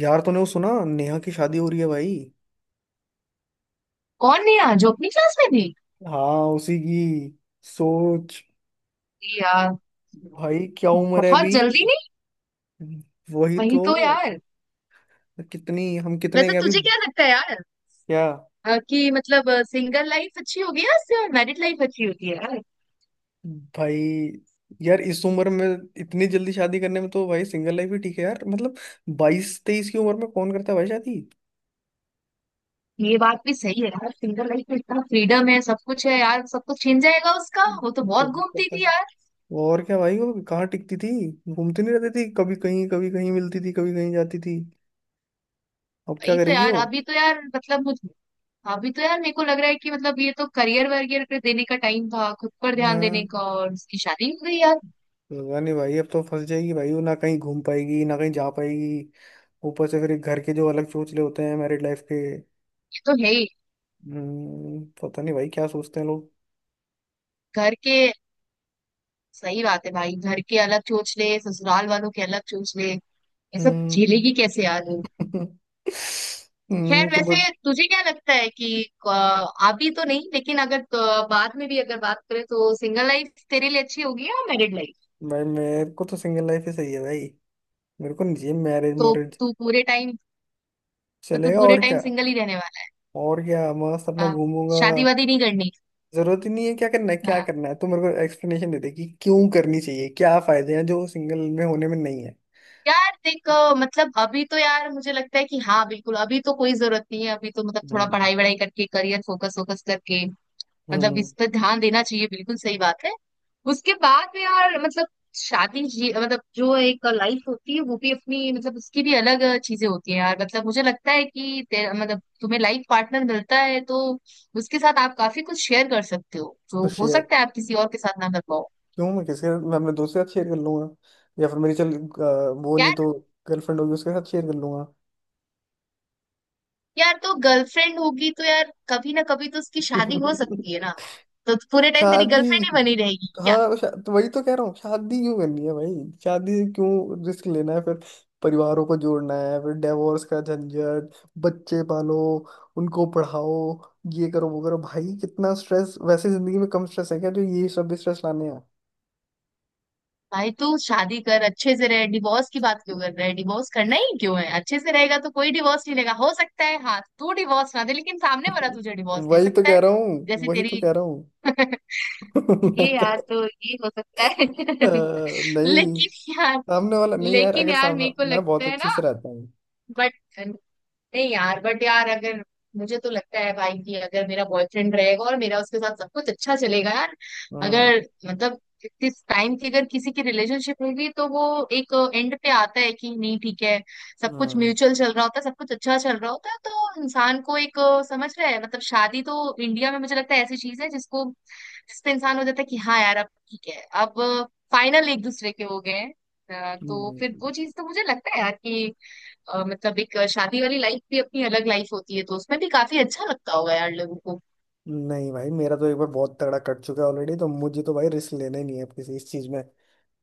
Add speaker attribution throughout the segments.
Speaker 1: यार तूने वो सुना नेहा की शादी हो रही है भाई।
Speaker 2: कौन नेहा जो अपनी क्लास में थी?
Speaker 1: हाँ उसी की। सोच।
Speaker 2: अरे यार,
Speaker 1: भाई क्या उम्र है
Speaker 2: बहुत
Speaker 1: अभी।
Speaker 2: जल्दी नहीं।
Speaker 1: वही
Speaker 2: वही
Speaker 1: तो।
Speaker 2: तो यार।
Speaker 1: कितनी हम कितने
Speaker 2: वैसे
Speaker 1: के अभी।
Speaker 2: तुझे क्या लगता है यार,
Speaker 1: क्या
Speaker 2: अ, कि मतलब सिंगल लाइफ अच्छी होगी या सिर्फ मैरिड लाइफ अच्छी होती है यार?
Speaker 1: भाई। यार इस उम्र में इतनी जल्दी शादी करने में तो भाई सिंगल लाइफ ही ठीक है यार मतलब। 22-23 की उम्र में कौन करता है भाई शादी
Speaker 2: ये बात भी सही है यार, सिंगल लाइफ में इतना फ्रीडम है, सब कुछ है यार। सब कुछ छिन जाएगा उसका, वो तो बहुत
Speaker 1: कभी
Speaker 2: घूमती
Speaker 1: करता
Speaker 2: थी
Speaker 1: है।
Speaker 2: यार।
Speaker 1: और क्या भाई वो कहाँ टिकती थी। घूमती नहीं रहती थी कभी कहीं कभी कहीं मिलती थी कभी कहीं जाती थी। अब क्या
Speaker 2: वही तो
Speaker 1: करेगी
Speaker 2: यार,
Speaker 1: वो।
Speaker 2: अभी तो यार मतलब मुझे, अभी तो यार मेरे को लग रहा है कि मतलब ये तो करियर वरियर पे देने का टाइम था, खुद पर ध्यान देने
Speaker 1: हाँ।
Speaker 2: का, और उसकी शादी हो गई यार।
Speaker 1: पता नहीं भाई अब तो फंस जाएगी भाई वो ना कहीं घूम पाएगी ना कहीं जा पाएगी। ऊपर से फिर घर के जो अलग सोच ले होते हैं मैरिड लाइफ के।
Speaker 2: ये तो है ही।
Speaker 1: पता नहीं भाई क्या सोचते हैं लोग।
Speaker 2: घर के, सही बात है भाई, घर के अलग सोच ले, ससुराल वालों के अलग सोच ले। ये सब
Speaker 1: हम्म।
Speaker 2: झेलेगी कैसे यार वो? खैर,
Speaker 1: तो बट।
Speaker 2: वैसे तुझे क्या लगता है कि अभी तो नहीं, लेकिन अगर बाद में भी अगर बात करें तो सिंगल लाइफ तेरे लिए अच्छी होगी या मैरिड लाइफ?
Speaker 1: भाई मेरे को तो सिंगल लाइफ ही सही है भाई। मेरे को नहीं मैरिज
Speaker 2: तो
Speaker 1: मोरिज
Speaker 2: तू पूरे टाइम तो तू
Speaker 1: चलेगा
Speaker 2: पूरे
Speaker 1: और
Speaker 2: टाइम
Speaker 1: क्या।
Speaker 2: सिंगल ही रहने वाला
Speaker 1: और क्या मस्त
Speaker 2: है?
Speaker 1: अपना
Speaker 2: हाँ,
Speaker 1: घूमूंगा।
Speaker 2: शादी वादी नहीं करनी?
Speaker 1: जरूरत ही नहीं है क्या करना है क्या
Speaker 2: हाँ।
Speaker 1: करना है तो मेरे को एक्सप्लेनेशन दे दे कि क्यों करनी चाहिए क्या फायदे हैं जो सिंगल में होने में नहीं है।
Speaker 2: यार देख, मतलब अभी तो यार मुझे लगता है कि हाँ, बिल्कुल अभी तो कोई जरूरत नहीं है, अभी तो मतलब थोड़ा
Speaker 1: हम्म।
Speaker 2: पढ़ाई वढ़ाई करके, करियर फोकस वोकस करके, मतलब
Speaker 1: हम्म।
Speaker 2: इस पर ध्यान देना चाहिए, बिल्कुल सही बात है। उसके बाद में यार मतलब, शादी जी, मतलब जो एक लाइफ होती है वो भी अपनी, मतलब उसकी भी अलग चीजें होती है यार। मतलब मुझे लगता है कि तेरा, मतलब तुम्हें लाइफ पार्टनर मिलता है तो उसके साथ आप काफी कुछ शेयर कर सकते हो
Speaker 1: तो
Speaker 2: जो हो
Speaker 1: शेयर।
Speaker 2: सकता है आप किसी और के साथ ना कर पाओ।
Speaker 1: क्यों मैं किसके साथ मैं अपने दोस्त के साथ शेयर कर लूंगा। या फिर मेरी चल वो नहीं
Speaker 2: यार
Speaker 1: तो गर्लफ्रेंड होगी उसके साथ शेयर कर लूंगा।
Speaker 2: यार तो गर्लफ्रेंड होगी तो यार कभी ना कभी तो उसकी शादी हो सकती है ना। तो पूरे टाइम तेरी
Speaker 1: शादी।
Speaker 2: गर्लफ्रेंड ही बनी रहेगी क्या?
Speaker 1: हाँ तो वही तो कह रहा हूँ शादी क्यों करनी है भाई। शादी से क्यों रिस्क लेना है फिर। परिवारों को जोड़ना है फिर डिवोर्स का झंझट। बच्चे पालो। उनको पढ़ाओ। ये करो वो करो भाई कितना स्ट्रेस वैसे जिंदगी में कम स्ट्रेस है क्या जो ये सब स्ट्रेस लाने हैं।
Speaker 2: भाई तू शादी कर, अच्छे से रहे। डिवोर्स की बात क्यों कर रहा है? डिवोर्स करना ही क्यों है? अच्छे से रहेगा तो कोई डिवोर्स नहीं लेगा। हो सकता है, हाँ, तू डिवोर्स ना दे, लेकिन सामने वाला तुझे डिवोर्स दे
Speaker 1: वही तो
Speaker 2: सकता
Speaker 1: कह
Speaker 2: है।
Speaker 1: रहा हूँ
Speaker 2: जैसे
Speaker 1: वही तो
Speaker 2: तेरी
Speaker 1: कह रहा हूँ। मैं
Speaker 2: ये यार,
Speaker 1: तो-
Speaker 2: तो ये हो सकता है।
Speaker 1: अ, नहीं।
Speaker 2: लेकिन यार,
Speaker 1: सामने वाला नहीं यार अगर सामने।
Speaker 2: मेरे को
Speaker 1: मैं
Speaker 2: लगता
Speaker 1: बहुत
Speaker 2: है
Speaker 1: अच्छे
Speaker 2: ना,
Speaker 1: से रहता हूँ।
Speaker 2: बट, नहीं यार, बट यार, अगर, मुझे तो लगता है भाई कि अगर मेरा बॉयफ्रेंड रहेगा और मेरा उसके साथ सब कुछ अच्छा चलेगा यार,
Speaker 1: हाँ।
Speaker 2: अगर, मतलब, इस टाइम की अगर किसी की रिलेशनशिप होगी तो वो एक एंड पे आता है कि नहीं ठीक है। सब कुछ
Speaker 1: हाँ।
Speaker 2: म्यूचुअल चल रहा होता है, सब कुछ अच्छा चल रहा होता है तो इंसान को एक समझ रहा है मतलब, शादी तो इंडिया में मुझे लगता है ऐसी चीज है जिसको, जिसपे इंसान हो जाता है कि हाँ यार, अब ठीक है, अब फाइनल एक दूसरे के हो गए हैं। तो फिर वो
Speaker 1: नहीं।
Speaker 2: चीज तो मुझे लगता है यार कि मतलब एक शादी वाली लाइफ भी अपनी अलग लाइफ होती है, तो उसमें भी काफी अच्छा लगता होगा यार लोगों को।
Speaker 1: नहीं भाई मेरा तो एक बार बहुत तगड़ा कट चुका है ऑलरेडी तो मुझे तो भाई रिस्क लेना ही नहीं है अब किसी इस चीज में।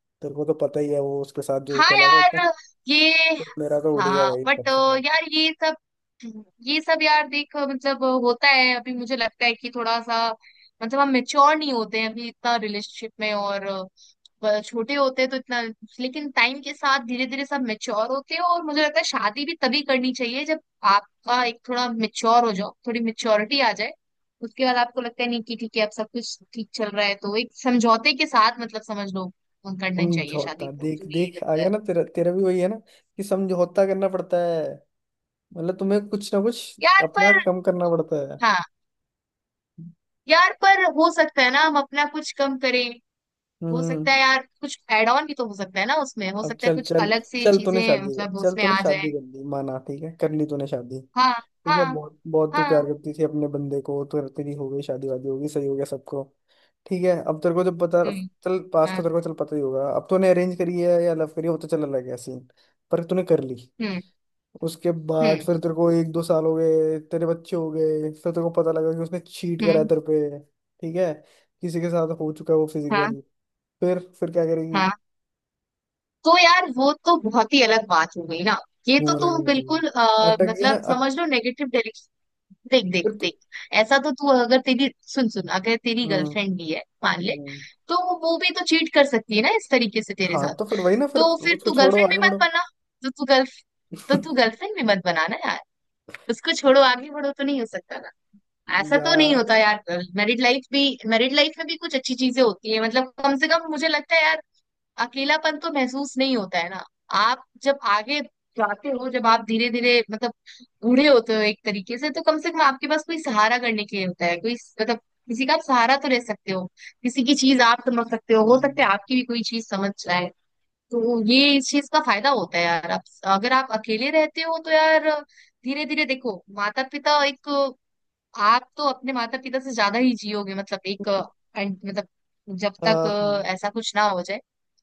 Speaker 1: तेरे को तो पता ही है वो उसके साथ जो
Speaker 2: हाँ
Speaker 1: चला था इतना।
Speaker 2: यार, ये
Speaker 1: तो मेरा तो उड़ गया
Speaker 2: हाँ
Speaker 1: भाई तब
Speaker 2: बट
Speaker 1: से मन।
Speaker 2: ये सब, यार देख, मतलब होता है अभी, मुझे लगता है कि थोड़ा सा मतलब हम मेच्योर नहीं होते हैं अभी इतना रिलेशनशिप में, और छोटे होते हैं तो इतना, लेकिन टाइम के साथ धीरे धीरे सब मेच्योर होते हैं, और मुझे लगता है शादी भी तभी करनी चाहिए जब आपका एक थोड़ा मेच्योर हो जाओ, थोड़ी मेच्योरिटी आ जाए। उसके बाद आपको लगता है नहीं कि ठीक है, अब सब कुछ ठीक चल रहा है, तो एक समझौते के साथ मतलब समझ लो करना चाहिए शादी
Speaker 1: समझौता
Speaker 2: को,
Speaker 1: देख
Speaker 2: तो ये
Speaker 1: देख आ
Speaker 2: लगता
Speaker 1: गया
Speaker 2: है।
Speaker 1: ना तेरा तेरा भी वही है ना कि समझौता करना पड़ता है। मतलब तुम्हें कुछ ना कुछ
Speaker 2: यार
Speaker 1: अपना
Speaker 2: पर,
Speaker 1: कम करना पड़ता है।
Speaker 2: हाँ, यार पर हो सकता है ना हम अपना कुछ कम करें, हो
Speaker 1: हम्म।
Speaker 2: सकता है यार कुछ एड ऑन भी तो हो सकता है ना उसमें, हो
Speaker 1: अब
Speaker 2: सकता है
Speaker 1: चल
Speaker 2: कुछ
Speaker 1: चल
Speaker 2: अलग से चीजें मतलब
Speaker 1: चल
Speaker 2: उसमें
Speaker 1: तूने
Speaker 2: आ जाए।
Speaker 1: शादी कर ली माना ठीक है कर ली तूने शादी
Speaker 2: हाँ
Speaker 1: ठीक है
Speaker 2: हाँ
Speaker 1: बहुत बहुत तू प्यार
Speaker 2: हाँ,
Speaker 1: करती थी अपने बंदे को तो तेरी हो गई शादी वादी होगी सही हो गया सबको। ठीक है अब तेरे को जब पता
Speaker 2: हम्म,
Speaker 1: चल पास
Speaker 2: हाँ,
Speaker 1: तो तेरे को चल पता ही होगा अब तूने अरेंज करी है या लव करी है वो तो चल अलग है सीन। पर तूने कर ली।
Speaker 2: हम्म
Speaker 1: उसके बाद
Speaker 2: हम्म
Speaker 1: फिर तेरे को एक दो साल हो गए तेरे बच्चे हो गए फिर तेरे को पता लगा कि उसने चीट करा है
Speaker 2: हम्म,
Speaker 1: तेरे पे ठीक है। किसी के साथ हो चुका है वो
Speaker 2: हाँ
Speaker 1: फिजिकल। फिर क्या करेगी।
Speaker 2: हाँ। तो यार वो तो बहुत ही अलग बात हो गई ना। ये तो
Speaker 1: मुंह अलग हो
Speaker 2: तुम
Speaker 1: गई।
Speaker 2: बिल्कुल
Speaker 1: अटक गई ना।
Speaker 2: मतलब समझ लो नेगेटिव। देख देख
Speaker 1: फिर तो।
Speaker 2: देख, ऐसा तो तू, अगर तेरी, सुन सुन, अगर तेरी
Speaker 1: हम्म।
Speaker 2: गर्लफ्रेंड भी है मान ले,
Speaker 1: हम्म।
Speaker 2: तो वो भी तो चीट कर सकती है ना इस तरीके से तेरे
Speaker 1: हाँ
Speaker 2: साथ।
Speaker 1: तो फिर वही ना फिर
Speaker 2: तो फिर
Speaker 1: उसको
Speaker 2: तू
Speaker 1: छोड़ो
Speaker 2: गर्लफ्रेंड भी
Speaker 1: आगे
Speaker 2: मत
Speaker 1: बढ़ो।
Speaker 2: बना, तो तू गर्ल तो तू गर्लफ्रेंड भी मत बनाना यार। उसको छोड़ो आगे बढ़ो तो नहीं हो सकता ना, ऐसा
Speaker 1: या।
Speaker 2: तो नहीं होता यार। मैरिड लाइफ भी मैरिड लाइफ में भी कुछ अच्छी चीजें होती है, मतलब कम से कम मुझे लगता है यार। अकेलापन तो महसूस नहीं होता है ना। आप जब आगे जाते हो, जब आप धीरे धीरे मतलब बूढ़े होते हो एक तरीके से, तो कम से कम आपके पास कोई सहारा करने के लिए होता है, कोई, मतलब किसी का आप सहारा तो रह सकते हो, किसी की चीज आप समझ सकते हो सकता
Speaker 1: हम्म।
Speaker 2: है आपकी भी कोई चीज समझ जाए। तो ये इस चीज का फायदा होता है यार। आप, अगर आप अकेले रहते हो तो यार, धीरे धीरे देखो माता पिता, एक, आप तो अपने माता पिता से ज्यादा ही जियोगे मतलब एक, मतलब जब तक
Speaker 1: हाँ।
Speaker 2: ऐसा कुछ ना हो जाए।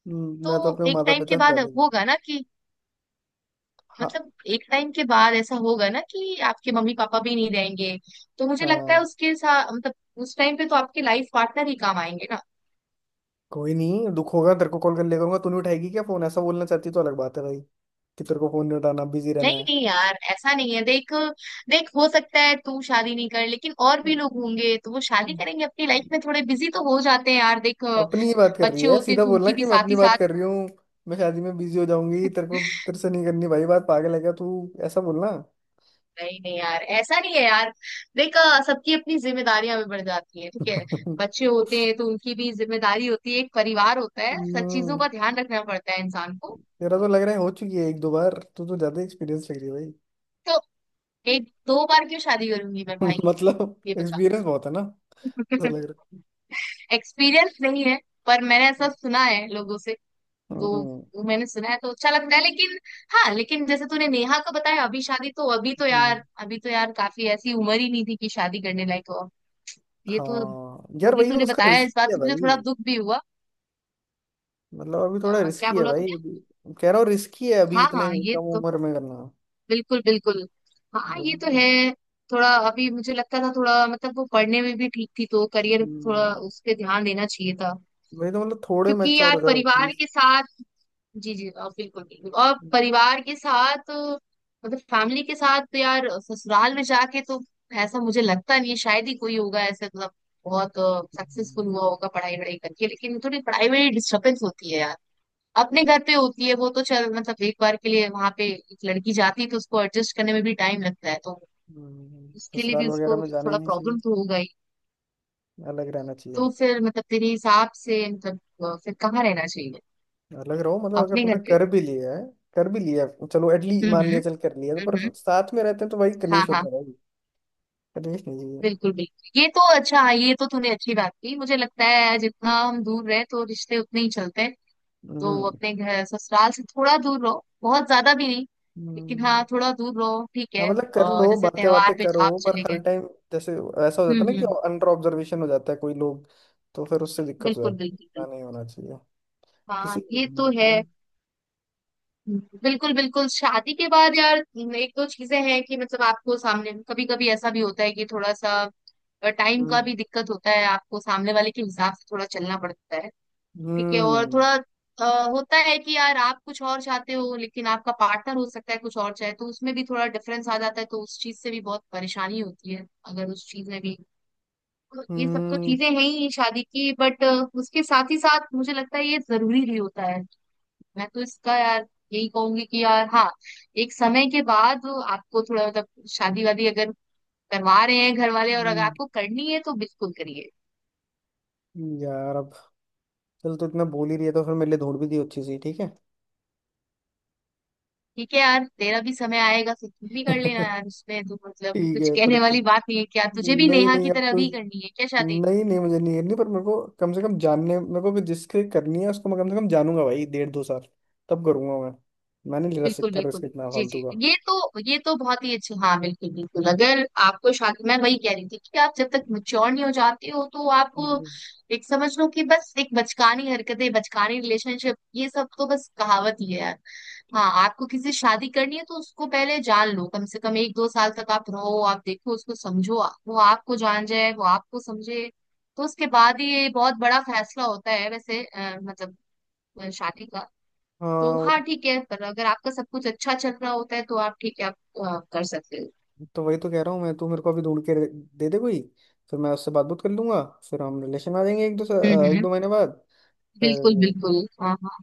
Speaker 1: मैं तो
Speaker 2: तो
Speaker 1: अपने
Speaker 2: एक
Speaker 1: माता
Speaker 2: टाइम के
Speaker 1: पिता से
Speaker 2: बाद
Speaker 1: ज्यादा ही।
Speaker 2: होगा ना कि
Speaker 1: हाँ।
Speaker 2: मतलब एक टाइम के बाद ऐसा होगा ना कि आपके मम्मी पापा भी नहीं रहेंगे, तो मुझे लगता
Speaker 1: हाँ।
Speaker 2: है उसके साथ मतलब, उस टाइम पे तो आपके लाइफ पार्टनर ही काम आएंगे ना।
Speaker 1: कोई नहीं दुख होगा तेरे को कॉल कर ले करूंगा तू नहीं उठाएगी क्या फोन ऐसा बोलना चाहती तो अलग बात है भाई। कि तेरे को फोन नहीं उठाना बिजी रहना
Speaker 2: नहीं
Speaker 1: है।
Speaker 2: नहीं यार, ऐसा नहीं है, देख, देख हो सकता है तू शादी नहीं कर, लेकिन और भी लोग होंगे तो वो शादी करेंगे, अपनी लाइफ में थोड़े बिजी तो हो जाते हैं यार, देख,
Speaker 1: अपनी ही बात कर रही
Speaker 2: बच्चे
Speaker 1: है
Speaker 2: होते हैं
Speaker 1: सीधा
Speaker 2: तो
Speaker 1: बोलना
Speaker 2: उनकी भी
Speaker 1: कि मैं
Speaker 2: साथ
Speaker 1: अपनी
Speaker 2: ही
Speaker 1: बात
Speaker 2: साथ।
Speaker 1: कर रही हूँ। मैं शादी में बिजी हो जाऊंगी तेरे को। तेरे से नहीं करनी भाई बात पागल है क्या तू। ऐसा बोलना।
Speaker 2: नहीं नहीं यार, ऐसा नहीं है यार। देख, सबकी अपनी जिम्मेदारियां भी बढ़ जाती है, ठीक है, बच्चे होते हैं तो उनकी भी जिम्मेदारी होती है, एक परिवार होता है, सब चीजों
Speaker 1: हम्म।
Speaker 2: का ध्यान रखना पड़ता है इंसान को।
Speaker 1: तेरा तो लग रहा है हो चुकी है एक दो बार तू तो ज्यादा एक्सपीरियंस लग रही है
Speaker 2: तो एक दो बार क्यों शादी करूंगी मैं
Speaker 1: भाई।
Speaker 2: भाई?
Speaker 1: मतलब
Speaker 2: ये बता।
Speaker 1: एक्सपीरियंस बहुत है ना ऐसा लग रहा
Speaker 2: एक्सपीरियंस नहीं है, पर मैंने ऐसा सुना है लोगों से,
Speaker 1: है।
Speaker 2: तो
Speaker 1: हम्म।
Speaker 2: वो मैंने सुना है तो अच्छा लगता है, लेकिन हाँ, लेकिन जैसे तूने नेहा का बताया, अभी शादी, तो अभी तो
Speaker 1: हम्म।
Speaker 2: यार, अभी तो यार काफी ऐसी उम्र ही नहीं थी कि शादी करने लायक हो। ये तो,
Speaker 1: हाँ
Speaker 2: जो
Speaker 1: यार
Speaker 2: भी
Speaker 1: वही तो
Speaker 2: तूने
Speaker 1: उसका
Speaker 2: बताया इस बात
Speaker 1: रिस्की है
Speaker 2: से मुझे
Speaker 1: भाई।
Speaker 2: थोड़ा दुख भी हुआ।
Speaker 1: मतलब अभी थोड़ा
Speaker 2: क्या
Speaker 1: रिस्की है
Speaker 2: बोला
Speaker 1: भाई
Speaker 2: तूने?
Speaker 1: अभी। कह रहा हूँ रिस्की है अभी
Speaker 2: हाँ
Speaker 1: इतने
Speaker 2: हाँ, ये
Speaker 1: कम
Speaker 2: तो
Speaker 1: उम्र में करना।
Speaker 2: बिल्कुल बिल्कुल। हाँ ये तो है। थोड़ा अभी मुझे लगता था थोड़ा, मतलब वो पढ़ने में भी ठीक थी, तो करियर थोड़ा
Speaker 1: हम्म,
Speaker 2: उस पे ध्यान देना चाहिए था।
Speaker 1: वही तो मतलब थोड़े
Speaker 2: क्योंकि
Speaker 1: मैच्योर हो
Speaker 2: यार
Speaker 1: जाओ
Speaker 2: परिवार
Speaker 1: एटलीस्ट।
Speaker 2: के साथ, जी जी, बिल्कुल बिल्कुल, और परिवार के साथ मतलब फैमिली के साथ तो यार ससुराल में जाके तो, ऐसा मुझे लगता नहीं है शायद ही कोई होगा ऐसे मतलब बहुत सक्सेसफुल हुआ होगा पढ़ाई वढ़ाई करके, लेकिन थोड़ी पढ़ाई में डिस्टर्बेंस होती है यार। अपने घर पे होती है वो तो चल, मतलब एक बार के लिए वहां पे एक लड़की जाती है तो उसको एडजस्ट करने में भी टाइम लगता है, तो उसके लिए
Speaker 1: ससुराल
Speaker 2: भी
Speaker 1: वगैरह
Speaker 2: उसको
Speaker 1: में जाना ही
Speaker 2: थोड़ा
Speaker 1: नहीं चाहिए।
Speaker 2: प्रॉब्लम तो हो गई।
Speaker 1: अलग रहना चाहिए।
Speaker 2: तो फिर मतलब तेरे हिसाब से मतलब फिर कहाँ रहना चाहिए?
Speaker 1: लग रहा हो मतलब अगर
Speaker 2: अपने घर
Speaker 1: तुमने
Speaker 2: पे।
Speaker 1: कर भी लिया है। कर भी लिया है, चलो एटलीस्ट मान लिया
Speaker 2: हम्म,
Speaker 1: चल कर लिया तो
Speaker 2: हम्म
Speaker 1: पर
Speaker 2: हम्म,
Speaker 1: साथ में रहते हैं तो भाई
Speaker 2: हाँ
Speaker 1: कलेश होता
Speaker 2: हाँ।
Speaker 1: है भाई। कलेश नहीं चाहिए।
Speaker 2: बिल्कुल बिल्कुल, ये तो अच्छा, हाँ, ये तो तूने अच्छी बात की, मुझे लगता है जितना हम दूर रहे तो रिश्ते उतने ही चलते हैं। तो
Speaker 1: हम्म
Speaker 2: अपने घर ससुराल से थोड़ा दूर रहो, बहुत ज्यादा भी नहीं, लेकिन
Speaker 1: हम्म।
Speaker 2: हाँ, थोड़ा दूर रहो, ठीक
Speaker 1: हाँ
Speaker 2: है।
Speaker 1: मतलब कर
Speaker 2: और
Speaker 1: लो
Speaker 2: जैसे
Speaker 1: बातें बातें
Speaker 2: त्योहार पे
Speaker 1: करो
Speaker 2: आप
Speaker 1: पर
Speaker 2: चले
Speaker 1: हर
Speaker 2: गए।
Speaker 1: टाइम। जैसे ऐसा हो जाता है ना कि
Speaker 2: हम्म,
Speaker 1: अंडर ऑब्जर्वेशन हो जाता है कोई लोग। तो फिर उससे दिक्कत हो
Speaker 2: बिल्कुल
Speaker 1: जाती है
Speaker 2: बिल्कुल
Speaker 1: ऐसा
Speaker 2: बिल्कुल।
Speaker 1: नहीं होना चाहिए। किसी
Speaker 2: हाँ
Speaker 1: को
Speaker 2: ये
Speaker 1: भी नहीं होना
Speaker 2: तो है।
Speaker 1: चाहिए।
Speaker 2: बिल्कुल बिल्कुल, शादी के बाद यार एक दो चीजें हैं कि मतलब आपको सामने कभी कभी ऐसा भी होता है कि थोड़ा सा टाइम का
Speaker 1: हम्म
Speaker 2: भी दिक्कत होता है, आपको सामने वाले के हिसाब से थोड़ा चलना पड़ता है, ठीक है, और
Speaker 1: हम्म
Speaker 2: थोड़ा होता है कि यार आप कुछ और चाहते हो लेकिन आपका पार्टनर हो सकता है कुछ और चाहे, तो उसमें भी थोड़ा डिफरेंस आ जाता है, तो उस चीज से भी बहुत परेशानी होती है अगर उस चीज में भी। तो ये सब तो
Speaker 1: हम्म
Speaker 2: चीजें हैं ही शादी की, बट उसके साथ ही साथ मुझे लगता है ये जरूरी भी होता है। मैं तो इसका यार यही कहूंगी कि यार हाँ, एक समय के बाद आपको थोड़ा मतलब शादी वादी अगर करवा रहे हैं घर वाले और अगर
Speaker 1: हम्म।
Speaker 2: आपको करनी है तो बिल्कुल करिए।
Speaker 1: यार अब चल तो इतना बोल ही रही है तो फिर मेरे लिए ढूंढ भी दी अच्छी सी ठीक है।
Speaker 2: ठीक है यार, तेरा भी समय आएगा, फिर तुम भी कर लेना यार, उसमें तो मतलब
Speaker 1: ठीक
Speaker 2: कुछ
Speaker 1: है पर
Speaker 2: कहने
Speaker 1: तो।
Speaker 2: वाली बात नहीं है। क्या तुझे भी
Speaker 1: नहीं
Speaker 2: नेहा
Speaker 1: नहीं
Speaker 2: की
Speaker 1: अब
Speaker 2: तरह
Speaker 1: तो।
Speaker 2: भी करनी है क्या शादी?
Speaker 1: नहीं नहीं मुझे नहीं करनी पर मेरे को कम से कम जानने मेरे को कि जिसके करनी है उसको मैं कम से कम जानूंगा भाई डेढ़ दो साल। तब करूंगा मैं। मैं नहीं ले
Speaker 2: बिल्कुल
Speaker 1: सकता
Speaker 2: बिल्कुल,
Speaker 1: रिस्क इतना
Speaker 2: जी जी,
Speaker 1: फालतू का।
Speaker 2: ये तो, ये तो बहुत ही अच्छा, हाँ, बिल्कुल बिल्कुल, अगर आपको शादी, मैं वही कह रही थी कि आप जब तक मैच्योर नहीं हो जाते हो तो आप
Speaker 1: हम्म।
Speaker 2: एक समझ लो कि बस, एक बचकानी हरकतें बचकानी रिलेशनशिप ये सब तो बस कहावत ही है यार। हाँ, आपको किसी से शादी करनी है तो उसको पहले जान लो, कम से कम एक दो साल तक आप रहो, आप देखो उसको, समझो, वो आपको जान जाए, वो आपको समझे, तो उसके बाद ही, ये बहुत बड़ा फैसला होता है वैसे मतलब शादी का। तो
Speaker 1: हाँ वो-
Speaker 2: हाँ ठीक है, पर अगर आपका सब कुछ अच्छा चल रहा होता है तो आप ठीक है, आप कर सकते हो।
Speaker 1: तो वही तो कह रहा हूँ मैं तू मेरे को अभी ढूंढ के दे दे कोई। फिर मैं उससे बात बात कर लूंगा। फिर हम रिलेशन में आ जाएंगे
Speaker 2: हम्म
Speaker 1: एक
Speaker 2: हम्म,
Speaker 1: दो महीने बाद। फिर।
Speaker 2: बिल्कुल बिल्कुल, हाँ हाँ,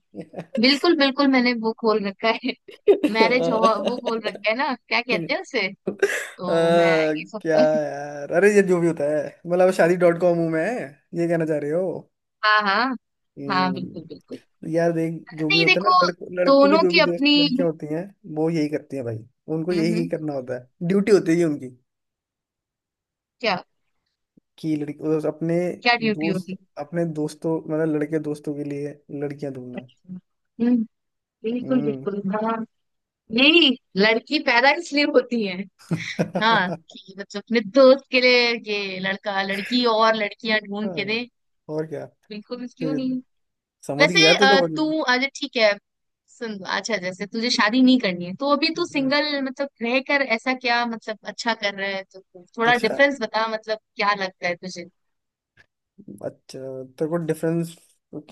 Speaker 2: बिल्कुल बिल्कुल, मैंने वो खोल रखा है। मैरिज हो, वो खोल रखा है ना, क्या कहते हैं उसे,
Speaker 1: आ,
Speaker 2: तो मैं ये सब
Speaker 1: क्या
Speaker 2: कर
Speaker 1: यार अरे ये जो भी होता है मतलब शादी डॉट कॉम हूँ मैं। ये कहना चाह रहे हो।
Speaker 2: हाँ हाँ, हाँ बिल्कुल
Speaker 1: हम्म,
Speaker 2: बिल्कुल।
Speaker 1: यार देख जो भी
Speaker 2: नहीं
Speaker 1: होता है
Speaker 2: देखो,
Speaker 1: ना लड़कों लड़कों की
Speaker 2: दोनों
Speaker 1: जो
Speaker 2: की
Speaker 1: भी
Speaker 2: अपनी,
Speaker 1: दोस्त लड़कियां होती हैं। वो यही करती हैं भाई। उनको
Speaker 2: हम्म
Speaker 1: यही
Speaker 2: हम्म,
Speaker 1: करना होता है ड्यूटी होती है ये उनकी।
Speaker 2: क्या,
Speaker 1: कि
Speaker 2: क्या ड्यूटी होती है?
Speaker 1: अपने दोस्तों मतलब लड़के दोस्तों के लिए लड़कियां ढूंढना।
Speaker 2: हम्म, बिल्कुल
Speaker 1: हम्म।
Speaker 2: बिल्कुल, हाँ, यही, लड़की पैदा इसलिए होती है, हाँ,
Speaker 1: हाँ,
Speaker 2: कि मतलब अपने दोस्त के लिए ये लड़का, लड़की, और लड़कियां ढूंढ के दे।
Speaker 1: और क्या।
Speaker 2: बिल्कुल, क्यों
Speaker 1: तो
Speaker 2: नहीं।
Speaker 1: समझ गई
Speaker 2: वैसे
Speaker 1: यार तू तो।
Speaker 2: तू अच्छा ठीक है, सुन अच्छा, जैसे तुझे शादी नहीं करनी है, तो अभी तू
Speaker 1: हम्म,
Speaker 2: सिंगल मतलब रह कर ऐसा क्या मतलब अच्छा कर रहा है, तो थोड़ा
Speaker 1: अच्छा
Speaker 2: डिफरेंस बता, मतलब क्या लगता है तुझे
Speaker 1: अच्छा तेरे को डिफरेंस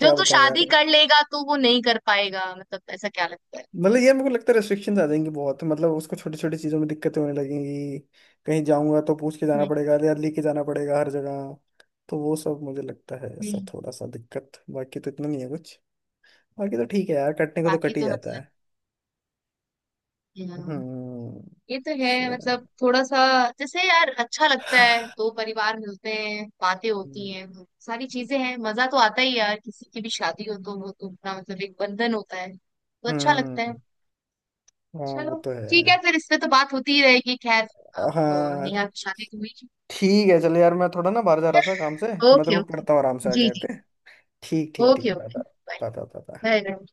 Speaker 2: जो तू
Speaker 1: बताऊं
Speaker 2: शादी
Speaker 1: यार।
Speaker 2: कर लेगा तो वो नहीं कर पाएगा, मतलब ऐसा क्या लगता है?
Speaker 1: मतलब ये मेरे को लगता है रेस्ट्रिक्शंस आ जाएंगी बहुत मतलब उसको छोटी छोटी चीज़ों में दिक्कतें होने लगेंगी। कहीं जाऊंगा तो पूछ के जाना
Speaker 2: हम्म
Speaker 1: पड़ेगा या लेके जाना पड़ेगा हर जगह। तो वो सब मुझे लगता है ऐसा
Speaker 2: हम्म,
Speaker 1: थोड़ा सा दिक्कत बाकी तो इतना नहीं है कुछ। बाकी तो ठीक है यार कटने को तो
Speaker 2: बाकी
Speaker 1: कट ही
Speaker 2: तो
Speaker 1: जाता
Speaker 2: मतलब,
Speaker 1: है।
Speaker 2: हम्म,
Speaker 1: हम्म,
Speaker 2: ये तो है, मतलब
Speaker 1: अच्छा।
Speaker 2: थोड़ा सा, जैसे यार अच्छा लगता है, दो परिवार मिलते हैं, बातें होती हैं, वो सारी चीजें हैं, मजा तो आता ही है यार, किसी की भी शादी हो तो वो तो अपना मतलब एक बंधन होता है तो अच्छा
Speaker 1: हम्म,
Speaker 2: लगता है।
Speaker 1: हाँ वो
Speaker 2: चलो,
Speaker 1: तो
Speaker 2: ठीक
Speaker 1: है।
Speaker 2: है, फिर इस पे तो बात होती ही रहेगी, खैर, अब
Speaker 1: हाँ
Speaker 2: नेहा की शादी तो हुई, ठीक
Speaker 1: ठीक है चलो यार मैं थोड़ा ना बाहर जा रहा था काम से
Speaker 2: है,
Speaker 1: मैं तेरे
Speaker 2: ओके
Speaker 1: को
Speaker 2: ओके,
Speaker 1: करता हूँ आराम से
Speaker 2: जी
Speaker 1: आके
Speaker 2: जी,
Speaker 1: ओके। ठीक ठीक
Speaker 2: ओके
Speaker 1: ठीक bye
Speaker 2: okay,
Speaker 1: bye
Speaker 2: bye
Speaker 1: bye bye bye.
Speaker 2: Bye.